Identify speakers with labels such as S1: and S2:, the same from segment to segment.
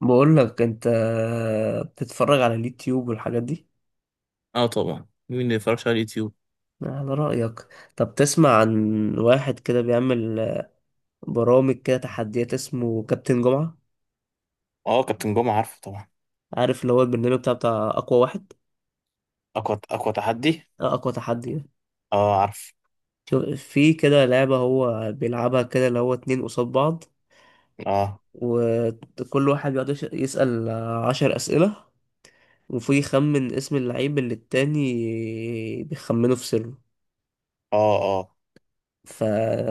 S1: بقول لك انت بتتفرج على اليوتيوب والحاجات دي.
S2: اه طبعا، مين اللي يتفرجش على اليوتيوب.
S1: على رأيك. طب تسمع عن واحد كده بيعمل برامج كده تحديات اسمه كابتن جمعة؟
S2: اه كابتن جمعة، عارفه طبعا.
S1: عارف اللي هو البرنامج بتاع أقوى واحد؟
S2: اقوى اقوى تحدي.
S1: أقوى تحدي ده.
S2: اه عارف.
S1: شوف، في كده لعبة هو بيلعبها كده اللي هو اتنين قصاد بعض،
S2: اه،
S1: وكل واحد بيقعد يسأل 10 أسئلة وفي يخمن اسم اللعيب اللي التاني بيخمنه في سره.
S2: اه. اه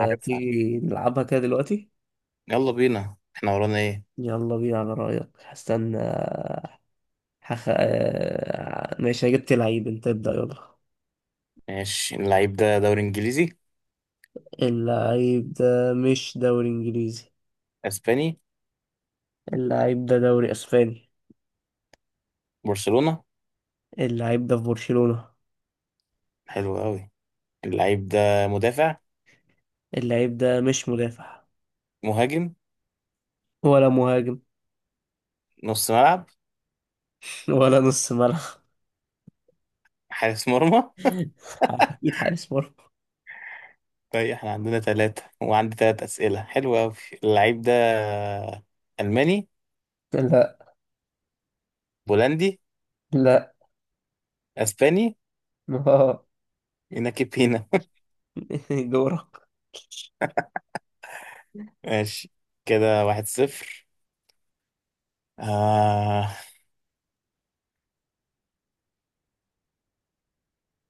S2: عارف عارف،
S1: نلعبها كده دلوقتي؟
S2: يلا بينا، احنا ورانا ايه؟
S1: يلا بينا. على رأيك. هستنى. هخ... آه، ماشي، جبت لعيب. انت ابدأ، يلا.
S2: ماشي، اللعيب ده دوري انجليزي.
S1: اللعيب ده مش دوري انجليزي.
S2: اسباني.
S1: اللعيب ده دوري اسباني.
S2: برشلونة.
S1: اللعيب ده في برشلونة.
S2: حلو قوي. اللعيب ده مدافع.
S1: اللعيب ده مش مدافع،
S2: مهاجم.
S1: ولا مهاجم،
S2: نص ملعب.
S1: ولا نص ملعب،
S2: حارس مرمى.
S1: اكيد حارس مرمى.
S2: طيب، احنا عندنا ثلاثة وعندي ثلاث أسئلة، حلو قوي. اللعيب ده ألماني.
S1: لا
S2: بولندي.
S1: لا.
S2: اسباني.
S1: آه.
S2: يناكي بينا.
S1: دورك.
S2: ماشي، كده واحد صفر. آه.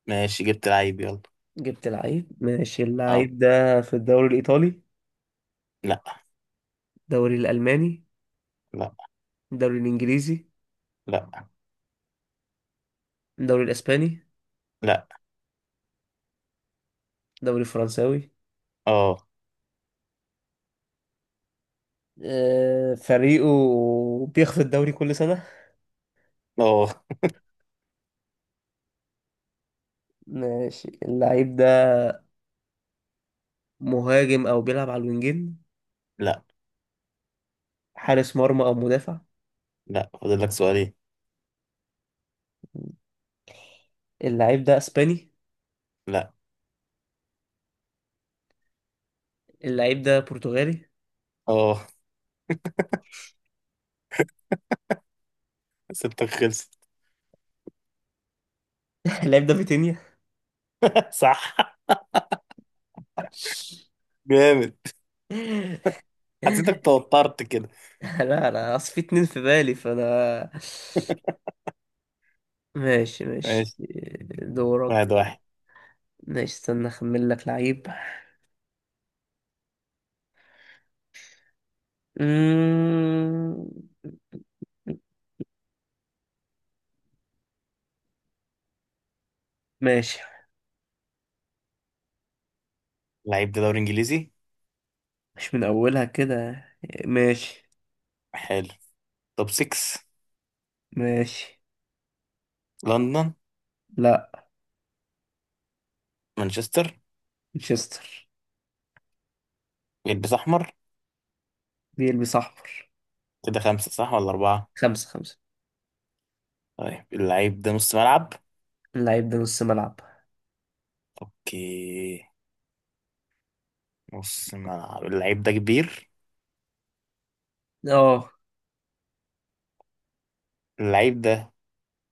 S2: ماشي جبت لعيب، يلا.
S1: جبت لعيب، ماشي.
S2: اه.
S1: اللعيب ده في الدوري الايطالي؟
S2: لا.
S1: الدوري الالماني؟
S2: لا.
S1: الدوري الانجليزي؟
S2: لا.
S1: الدوري الاسباني؟
S2: لا.
S1: الدوري الفرنساوي؟
S2: اه.
S1: فريقه بياخد الدوري كل سنة.
S2: اه.
S1: ماشي. اللعيب ده مهاجم أو بيلعب على الوينجين؟
S2: لا.
S1: حارس مرمى أو مدافع؟
S2: لا، فاضل لك سؤالين.
S1: اللعيب ده أسباني؟
S2: لا.
S1: اللعيب ده برتغالي؟
S2: اه، ستك خلصت.
S1: اللعيب ده فيتينيا.
S2: صح، جامد. حسيتك توترت كده.
S1: لا، أنا أصل في اتنين في بالي فأنا ماشي ماشي.
S2: ماشي،
S1: دورك.
S2: واحد واحد.
S1: ماشي، استنى أخمن لك لعيب. مم، ماشي.
S2: لعيب ده دوري انجليزي.
S1: مش من أولها كده. ماشي
S2: حلو. توب 6.
S1: ماشي.
S2: لندن.
S1: لا.
S2: مانشستر.
S1: مانشستر.
S2: يلبس احمر.
S1: بيلبس احمر.
S2: كده خمسة صح ولا أربعة؟
S1: خمسة خمسة.
S2: طيب، اللعيب ده نص ملعب.
S1: اللعيب ده نص ملعب.
S2: اوكي. نص ملعب، اللعيب ده كبير.
S1: اه
S2: اللعيب ده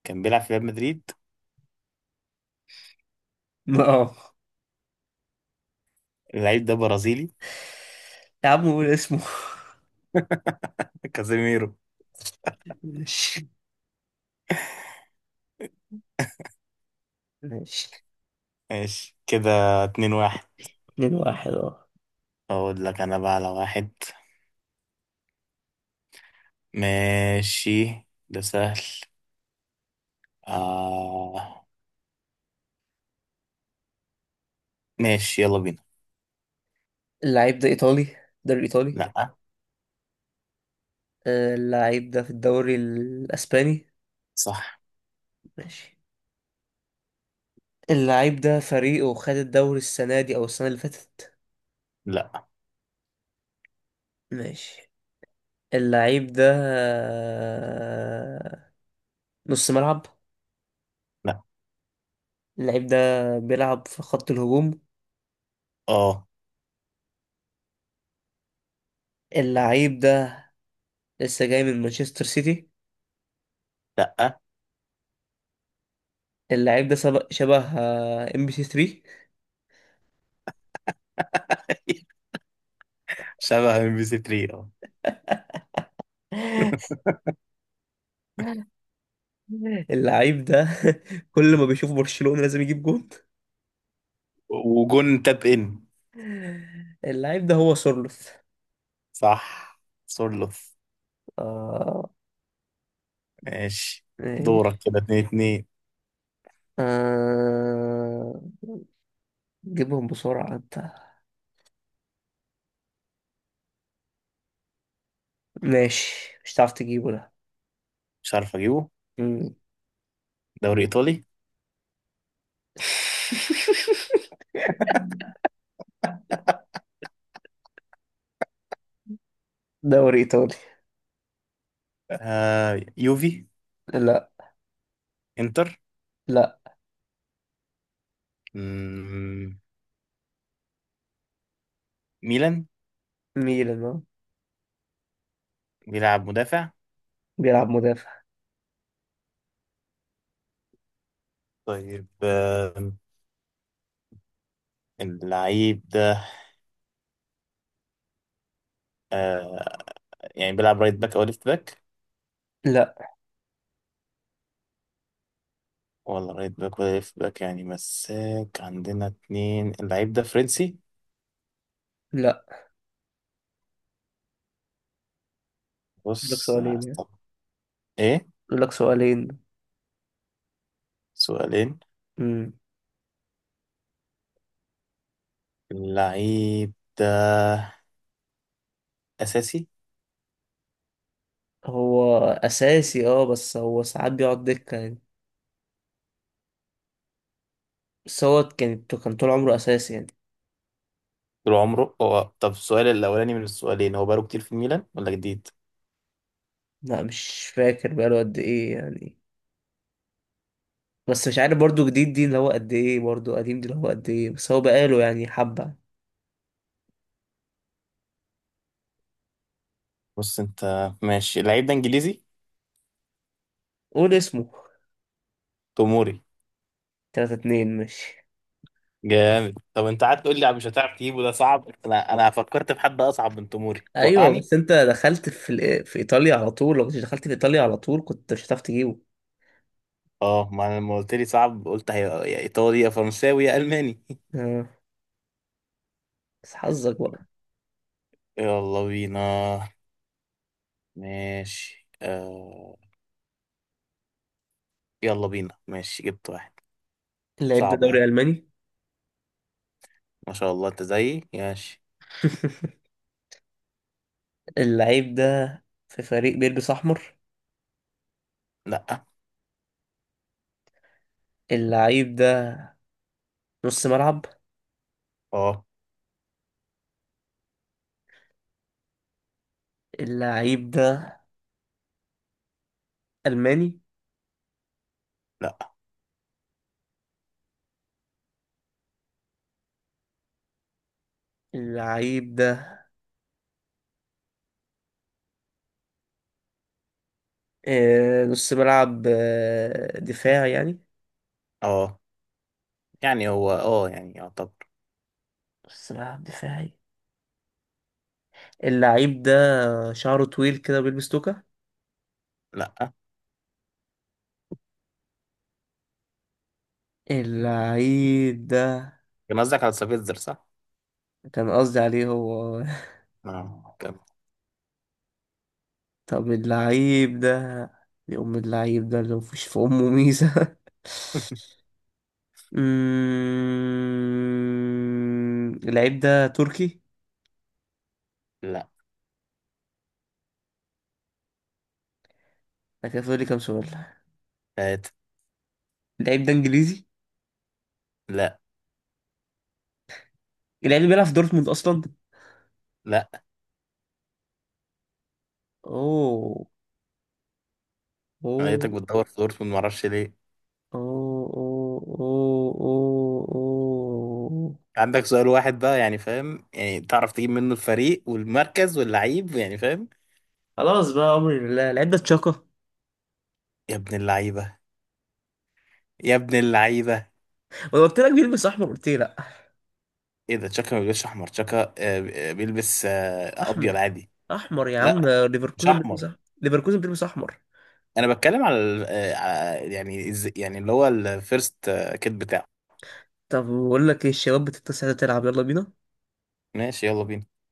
S2: كان بيلعب في ريال مدريد.
S1: اه.
S2: اللعيب ده برازيلي.
S1: يا عم قول اسمه.
S2: كازيميرو.
S1: ماشي ماشي.
S2: ماشي كده، اتنين واحد.
S1: 2-1، اه.
S2: اقول لك انا بقى على واحد. ماشي، ده سهل. آه، ماشي يلا بينا.
S1: اللعيب ده ايطالي، الدوري الايطالي.
S2: لا.
S1: اللعيب ده في الدوري الاسباني.
S2: صح.
S1: ماشي. اللعيب ده فريقه خد الدوري السنة دي او السنة اللي فاتت.
S2: لا.
S1: ماشي. اللعيب ده نص ملعب.
S2: لا.
S1: اللعيب ده بيلعب في خط الهجوم.
S2: اه.
S1: اللعيب ده لسه جاي من مانشستر سيتي.
S2: لا.
S1: اللعيب ده شبه ام بي سي 3.
S2: شبه ام بي سي 3، اه.
S1: اللعيب ده كل ما بيشوف برشلونة لازم يجيب جون.
S2: وجون تاب ان.
S1: اللعيب ده هو سورلوث.
S2: صح، سورلوث.
S1: اه.
S2: ماشي، دورك
S1: ماشي.
S2: كده، اتنين اتنين.
S1: آه... جيبهم بسرعة انت. ماشي، مش هتعرف تجيبه ده.
S2: مش عارف اجيبه.
S1: مم.
S2: دوري ايطالي.
S1: دوري ايطالي.
S2: آه، يوفي.
S1: لا.
S2: انتر.
S1: لا.
S2: مم، ميلان.
S1: ميلان، آه.
S2: بيلعب مدافع.
S1: بيلعب مدافع.
S2: طيب، اللعيب ده، آه يعني بيلعب رايت باك او ليفت باك.
S1: لا.
S2: ولا رايت باك ولا ليفت باك، يعني مساك عندنا اتنين. اللعيب ده فرنسي.
S1: لا، اقول لك
S2: بص.
S1: سؤالين يعني.
S2: طب ايه؟
S1: اقول لك سؤالين.
S2: سؤالين.
S1: مم.
S2: اللعيب ده اساسي.
S1: هو اساسي اه، بس هو ساعات بيقعد دكة يعني. بس هو كان طول عمره اساسي يعني.
S2: طول عمره هو. طب السؤال الاولاني من السؤالين: هو بقاله كتير في الميلان ولا جديد؟
S1: لا، مش فاكر بقاله قد ايه يعني، بس مش عارف برضو جديد دي اللي هو قد ايه، برضو قديم دي اللي هو قد ايه، بس هو بقاله يعني حبة.
S2: بص انت ماشي، اللعيب ده انجليزي.
S1: قول اسمه.
S2: توموري.
S1: 3-2، ماشي.
S2: جامد. طب انت قعدت تقول لي مش هتعرف تجيبه، ده صعب. انا فكرت في حد اصعب من توموري
S1: ايوه،
S2: توقعني.
S1: بس انت دخلت في في ايطاليا على طول، لو كنتش دخلت في ايطاليا على طول كنت مش هتعرف تجيبه.
S2: اه، ما انا لما قلت لي صعب قلت هي يا ايطالي يا فرنساوي يا الماني.
S1: آه. بس حظك بقى.
S2: يلا بينا. ماشي آه، يلا بينا. ماشي جبت واحد.
S1: اللعيب ده
S2: صعبة.
S1: دوري الماني.
S2: ما شاء الله، انت زيي. ماشي.
S1: اللعيب ده في فريق بيلبس احمر.
S2: لا.
S1: اللعيب ده نص ملعب.
S2: اه.
S1: اللعيب ده الماني.
S2: لا.
S1: اللعيب ده نص ملعب دفاع يعني.
S2: اه، يعني هو، اه، يعني يعتبر.
S1: نص ملعب دفاعي. اللعيب ده شعره طويل كده بيلبس توكة.
S2: لا.
S1: اللعيب ده
S2: كان قصدك على سافيتزر، صح؟
S1: كان قصدي عليه هو.
S2: اه، كمل.
S1: طب اللعيب ده، يا أم اللعيب ده اللي مفيش في أمه ميزة. اللعيب ده تركي.
S2: لا.
S1: أنا كده فاضل لي كام سؤال.
S2: هات.
S1: اللعيب ده إنجليزي.
S2: لا.
S1: اللعيب ده بيلعب في دورتموند أصلا.
S2: لا.
S1: أوه،
S2: أنا
S1: أوه
S2: لقيتك بتدور في دورتموند، معرفش ليه.
S1: اوه اوه اوه اوه اوه.
S2: عندك سؤال واحد بقى، يعني فاهم، يعني تعرف تجيب منه الفريق والمركز واللعيب، يعني فاهم.
S1: خلاص بقى، امر لله، العده تشاكا.
S2: يا ابن اللعيبة. يا ابن اللعيبة.
S1: وانا قلت لك بيلبس احمر قلت لي لا.
S2: ايه ده، تشاكا ما بيلبسش احمر. تشاكا، آه. بيلبس
S1: احمر
S2: ابيض عادي.
S1: احمر يا عم،
S2: لا، مش
S1: ليفركوزن بيلبس
S2: احمر.
S1: احمر، ليفركوزن بيلبس احمر.
S2: انا بتكلم على، على، يعني يعني اللي هو الفيرست كيت بتاعه.
S1: طب بقول لك ايه الشباب بتتسع تلعب؟ يلا بينا.
S2: ماشي، يلا بينا.